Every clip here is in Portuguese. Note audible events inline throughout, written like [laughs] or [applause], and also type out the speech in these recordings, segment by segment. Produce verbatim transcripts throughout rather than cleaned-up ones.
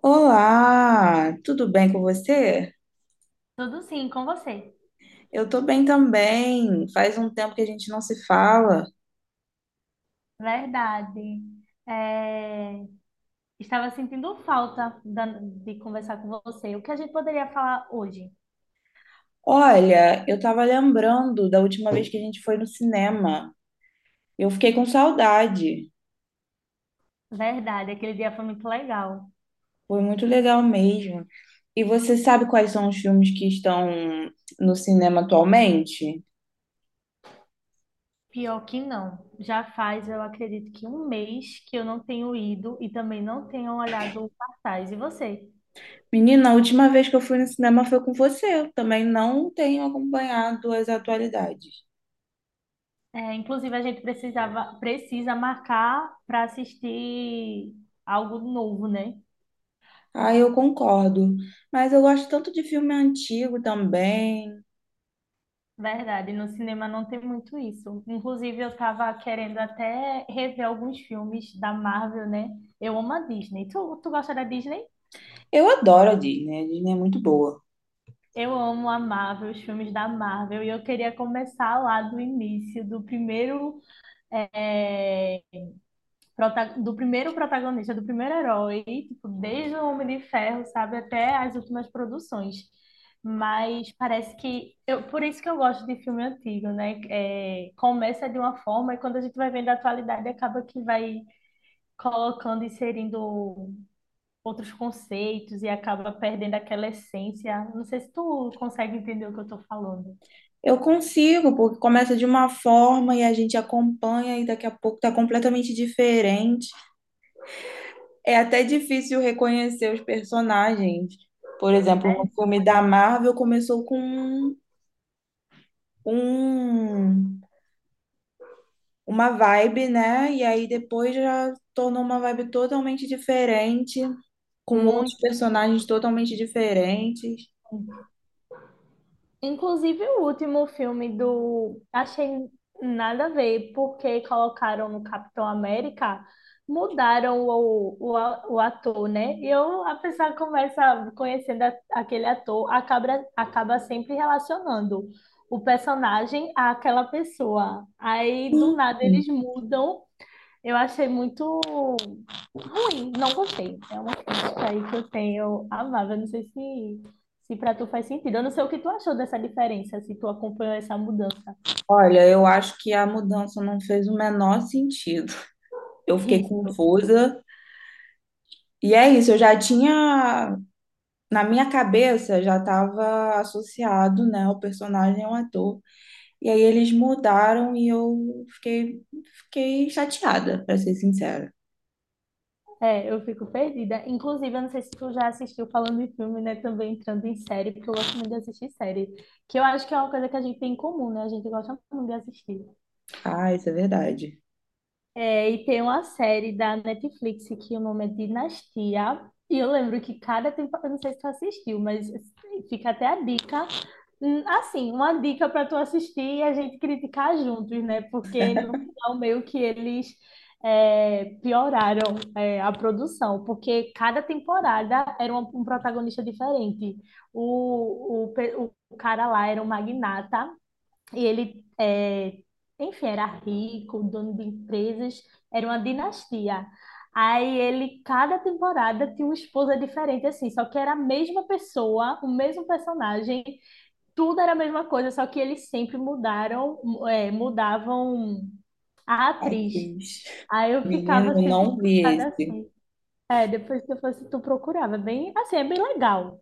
Olá, tudo bem com você? Tudo sim, com você. Eu tô bem também. Faz um tempo que a gente não se fala. Verdade. É, Estava sentindo falta da- de conversar com você. O que a gente poderia falar hoje? Olha, eu tava lembrando da última vez que a gente foi no cinema. Eu fiquei com saudade. Verdade, aquele dia foi muito legal. Foi muito legal mesmo. E você sabe quais são os filmes que estão no cinema atualmente? Pior que não. Já faz, eu acredito que um mês que eu não tenho ido e também não tenho olhado o cartaz. E você? Menina, a última vez que eu fui no cinema foi com você. Eu também não tenho acompanhado as atualidades. É, inclusive, a gente precisava, precisa marcar para assistir algo novo, né? Ah, eu concordo. Mas eu gosto tanto de filme antigo também. Verdade, no cinema não tem muito isso. Inclusive, eu estava querendo até rever alguns filmes da Marvel, né? Eu amo a Disney. Tu, tu gosta da Disney? Eu adoro a Disney, a Disney é muito boa. Eu amo a Marvel, os filmes da Marvel, e eu queria começar lá do início, do primeiro eh, do primeiro protagonista, do primeiro herói, tipo, desde o Homem de Ferro, sabe, até as últimas produções. Mas parece que eu, por isso que eu gosto de filme antigo, né? É, começa de uma forma e quando a gente vai vendo a atualidade acaba que vai colocando, inserindo outros conceitos e acaba perdendo aquela essência. Não sei se tu consegue entender o que eu tô falando. Eu consigo, porque começa de uma forma e a gente acompanha e daqui a pouco tá completamente diferente. É até difícil reconhecer os personagens. Por exemplo, no filme da Marvel começou com um, um- uma vibe, né? E aí depois já tornou uma vibe totalmente diferente, com outros Muito personagens totalmente diferentes. inclusive, o último filme do. Achei nada a ver, porque colocaram no Capitão América, mudaram o, o, o ator, né? E eu, a pessoa começa conhecendo a- aquele ator, acaba, acaba sempre relacionando o personagem àquela pessoa. Aí, do nada, eles mudam, eu achei muito ruim, não gostei. É uma crítica aí que eu tenho amável. Eu não sei se, se para tu faz sentido. Eu não sei o que tu achou dessa diferença, se tu acompanhou essa mudança. Olha, eu acho que a mudança não fez o menor sentido. Eu fiquei Isso. confusa. E é isso, eu já tinha, na minha cabeça, já estava associado, né, o personagem ao ator. E aí eles mudaram e eu fiquei, fiquei chateada, para ser sincera. É, eu fico perdida. Inclusive, eu não sei se tu já assistiu falando em filme, né? Também entrando em série, porque eu gosto muito de assistir série. Que eu acho que é uma coisa que a gente tem em comum, né? A gente gosta muito de assistir. Ah, isso é verdade. É, e tem uma série da Netflix que o nome é Dinastia. E eu lembro que cada temporada, eu não sei se tu assistiu, mas assim, fica até a dica. Hum, Assim, uma dica para tu assistir e a gente criticar juntos, né? Porque no final meio que eles é, pioraram é, a produção, porque cada temporada era uma- um protagonista diferente. O, o, pe- o cara lá era um magnata e ele, é, enfim, era rico, dono de empresas, era uma dinastia. Aí ele, cada temporada, tinha uma esposa diferente, assim, só que era a mesma pessoa, o mesmo personagem, tudo era a mesma coisa, só que eles sempre mudaram, é, mudavam a Ai, atriz. Cris. Aí eu Menino, ficava eu sempre não vi chocada esse. assim. É, depois que eu fosse, tu procurava. É bem, assim, é bem legal,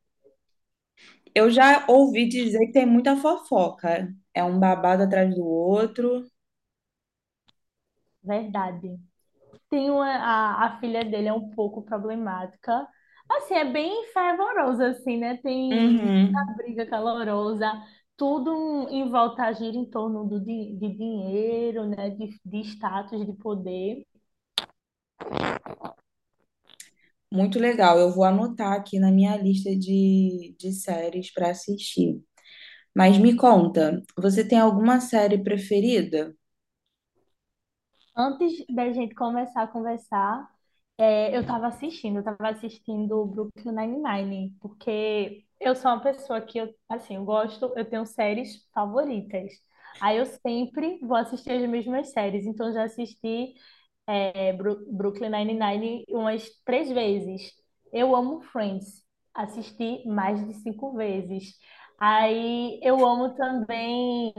Eu já ouvi dizer que tem muita fofoca. É um babado atrás do outro. verdade. Tem uma, a, a filha dele é um pouco problemática. Assim, é bem fervorosa, assim, né? Tem muita Uhum. briga calorosa, tudo em volta gira em torno do, di- de dinheiro, né? De, de status, de poder. Muito legal. Eu vou anotar aqui na minha lista de, de séries para assistir. Mas me conta, você tem alguma série preferida? Antes da gente começar a conversar, é, eu estava assistindo, eu estava assistindo o Brooklyn Nine-Nine, porque eu sou uma pessoa que, eu, assim, eu gosto, eu tenho séries favoritas. Aí eu sempre vou assistir as mesmas séries, então eu já assisti é, Bru- Brooklyn Nine-Nine umas três vezes. Eu amo Friends. Assisti mais de cinco vezes. Aí eu amo também.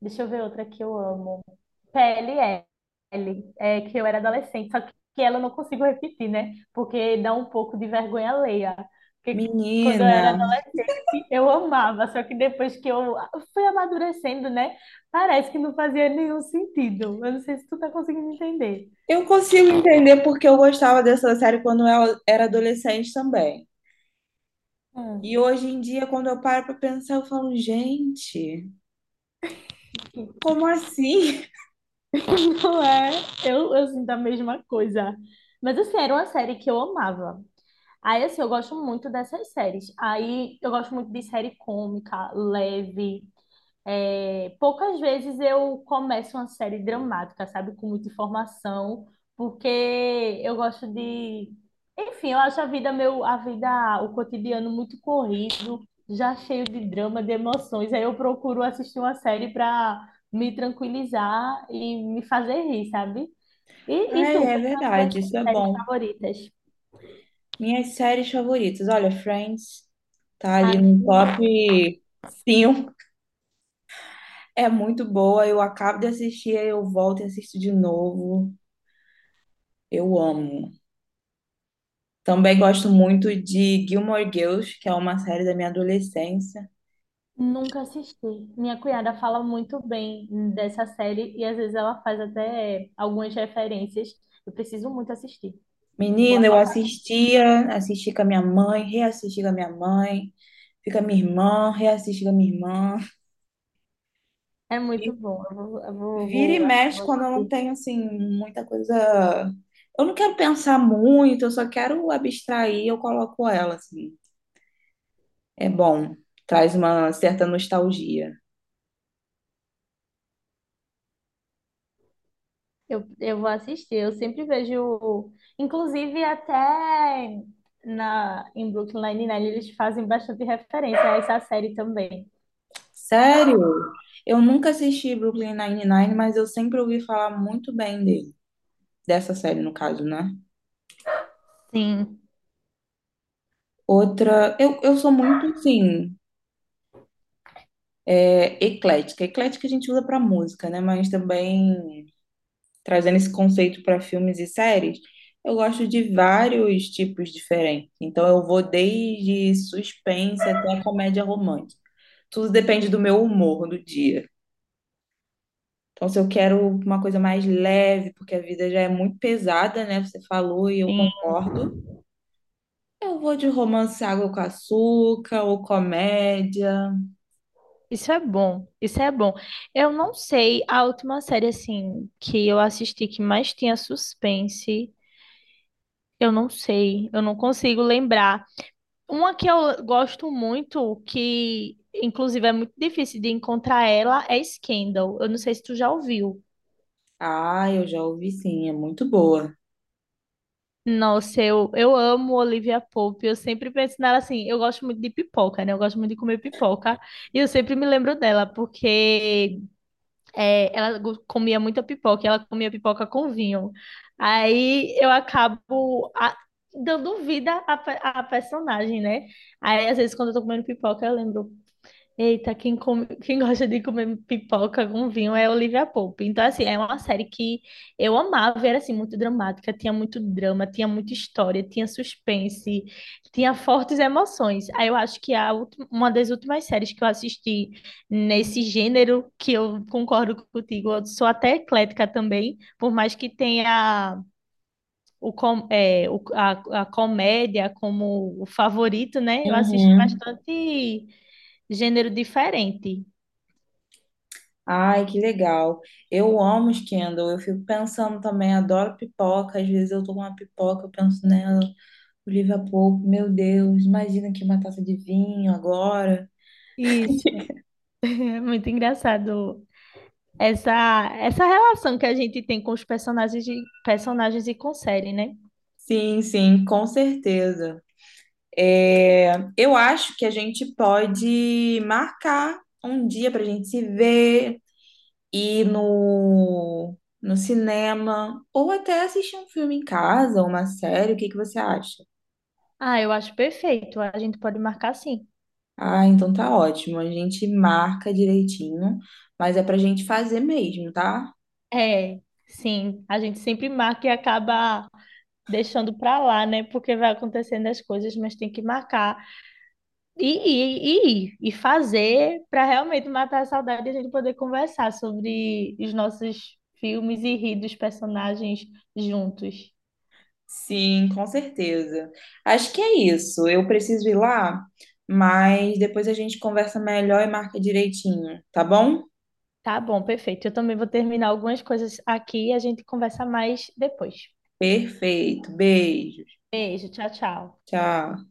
Deixa eu ver outra que eu amo. P L L, é, que eu era adolescente, só que ela eu não consigo repetir, né? Porque dá um pouco de vergonha alheia. Porque quando eu Menina, era adolescente, eu amava, só que depois que eu fui amadurecendo, né? Parece que não fazia nenhum sentido. Eu não sei se tu tá conseguindo entender. eu consigo entender porque eu gostava dessa série quando eu era adolescente também. E hoje em dia, quando eu paro para pensar, eu falo, gente, como assim? Não é, eu, assim da mesma coisa. Mas assim, era uma série que eu amava. Aí, assim, eu gosto muito dessas séries. Aí, eu gosto muito de série cômica, leve. É, poucas vezes eu começo uma série dramática, sabe, com muita informação, porque eu gosto de, enfim, eu acho a vida meu, a vida, o cotidiano muito corrido, já cheio de drama, de emoções. Aí eu procuro assistir uma série para me tranquilizar e me fazer rir, sabe? [laughs] E, e Ai, tu, é quais são as verdade, tuas isso é séries bom. favoritas? Minhas séries favoritas, olha, Friends tá ali Ai, no top cinco. É muito boa, eu acabo de assistir, aí eu volto e assisto de novo. Eu amo. Também gosto muito de Gilmore Girls, que é uma série da minha adolescência. nunca assisti. Minha cunhada fala muito bem dessa série e às vezes ela faz até algumas referências. Eu preciso muito assistir. Vou Menina, eu anotar. assistia, assisti com a minha mãe, reassisti com a minha mãe, fica minha irmã, reassisti com a minha irmã. É E muito bom. Eu vou, eu vou, vira e vou- mexe Vou quando eu não assistir. tenho, assim, muita coisa. Eu não quero pensar muito, eu só quero abstrair, eu coloco ela, assim. É bom, traz uma certa nostalgia. Eu, eu vou assistir. Eu sempre vejo, inclusive até na em Brooklyn Nine-Nine eles fazem bastante referência a essa série também. Sério? Eu nunca assisti Brooklyn Nine-Nine, mas eu sempre ouvi falar muito bem dele. Dessa série, no caso, né? Sim, Outra, eu, eu sou muito, assim, é, eclética. Eclética a gente usa para música, né? Mas também trazendo esse conceito para filmes e séries, eu gosto de vários tipos diferentes. Então eu vou desde suspense até comédia romântica. Tudo depende do meu humor do dia. Então, se eu quero uma coisa mais leve, porque a vida já é muito pesada, né? Você falou e eu sim. concordo. Eu vou de romance água com açúcar ou comédia. Isso é bom, isso é bom. Eu não sei, a última série, assim, que eu assisti que mais tinha suspense, eu não sei, eu não consigo lembrar. Uma que eu gosto muito, que inclusive é muito difícil de encontrar ela, é Scandal. Eu não sei se tu já ouviu. Ah, eu já ouvi sim, é muito boa. Nossa, eu, eu amo Olivia Pope, eu sempre penso nela assim, eu gosto muito de pipoca, né? Eu gosto muito de comer pipoca, e eu sempre me lembro dela, porque É, ela go- comia muita pipoca, e ela comia pipoca com vinho. Aí eu acabo a- dando vida à, pe- à personagem, né? Aí às vezes quando eu tô comendo pipoca, eu lembro, eita, quem, come- quem gosta de comer pipoca com vinho é Olivia Pope. Então, assim, é uma série que eu amava, era assim, muito dramática, tinha muito drama, tinha muita história, tinha suspense, tinha fortes emoções. Aí eu acho que a ulti- uma das últimas séries que eu assisti nesse gênero, que eu concordo contigo, eu sou até eclética também, por mais que tenha o, com- é, o- a, a comédia como o favorito, né? Eu assisto Uhum. bastante gênero diferente. Ai, que legal. Eu amo os Kindle. Eu fico pensando também, adoro pipoca. Às vezes eu tô com uma pipoca, eu penso nela, o livro é pouco. Meu Deus, imagina que uma taça de vinho agora. Isso, é muito engraçado essa, essa relação que a gente tem com os personagens, de, personagens e com série, né? Sim, sim, com certeza. É, eu acho que a gente pode marcar um dia pra gente se ver. Ir no, no cinema ou até assistir um filme em casa, uma série, o que que você acha? Ah, eu acho perfeito. A gente pode marcar sim. Ah, então tá ótimo. A gente marca direitinho, mas é pra gente fazer mesmo, tá? É, sim. A gente sempre marca e acaba deixando pra lá, né? Porque vai acontecendo as coisas, mas tem que marcar e ir, e, ir, e fazer pra realmente matar a saudade e a gente poder conversar sobre os nossos filmes e rir dos personagens juntos. Sim, com certeza. Acho que é isso. Eu preciso ir lá, mas depois a gente conversa melhor e marca direitinho, tá bom? Tá bom, perfeito. Eu também vou terminar algumas coisas aqui e a gente conversa mais depois. Perfeito. Beijo. Beijo, tchau, tchau. Tchau.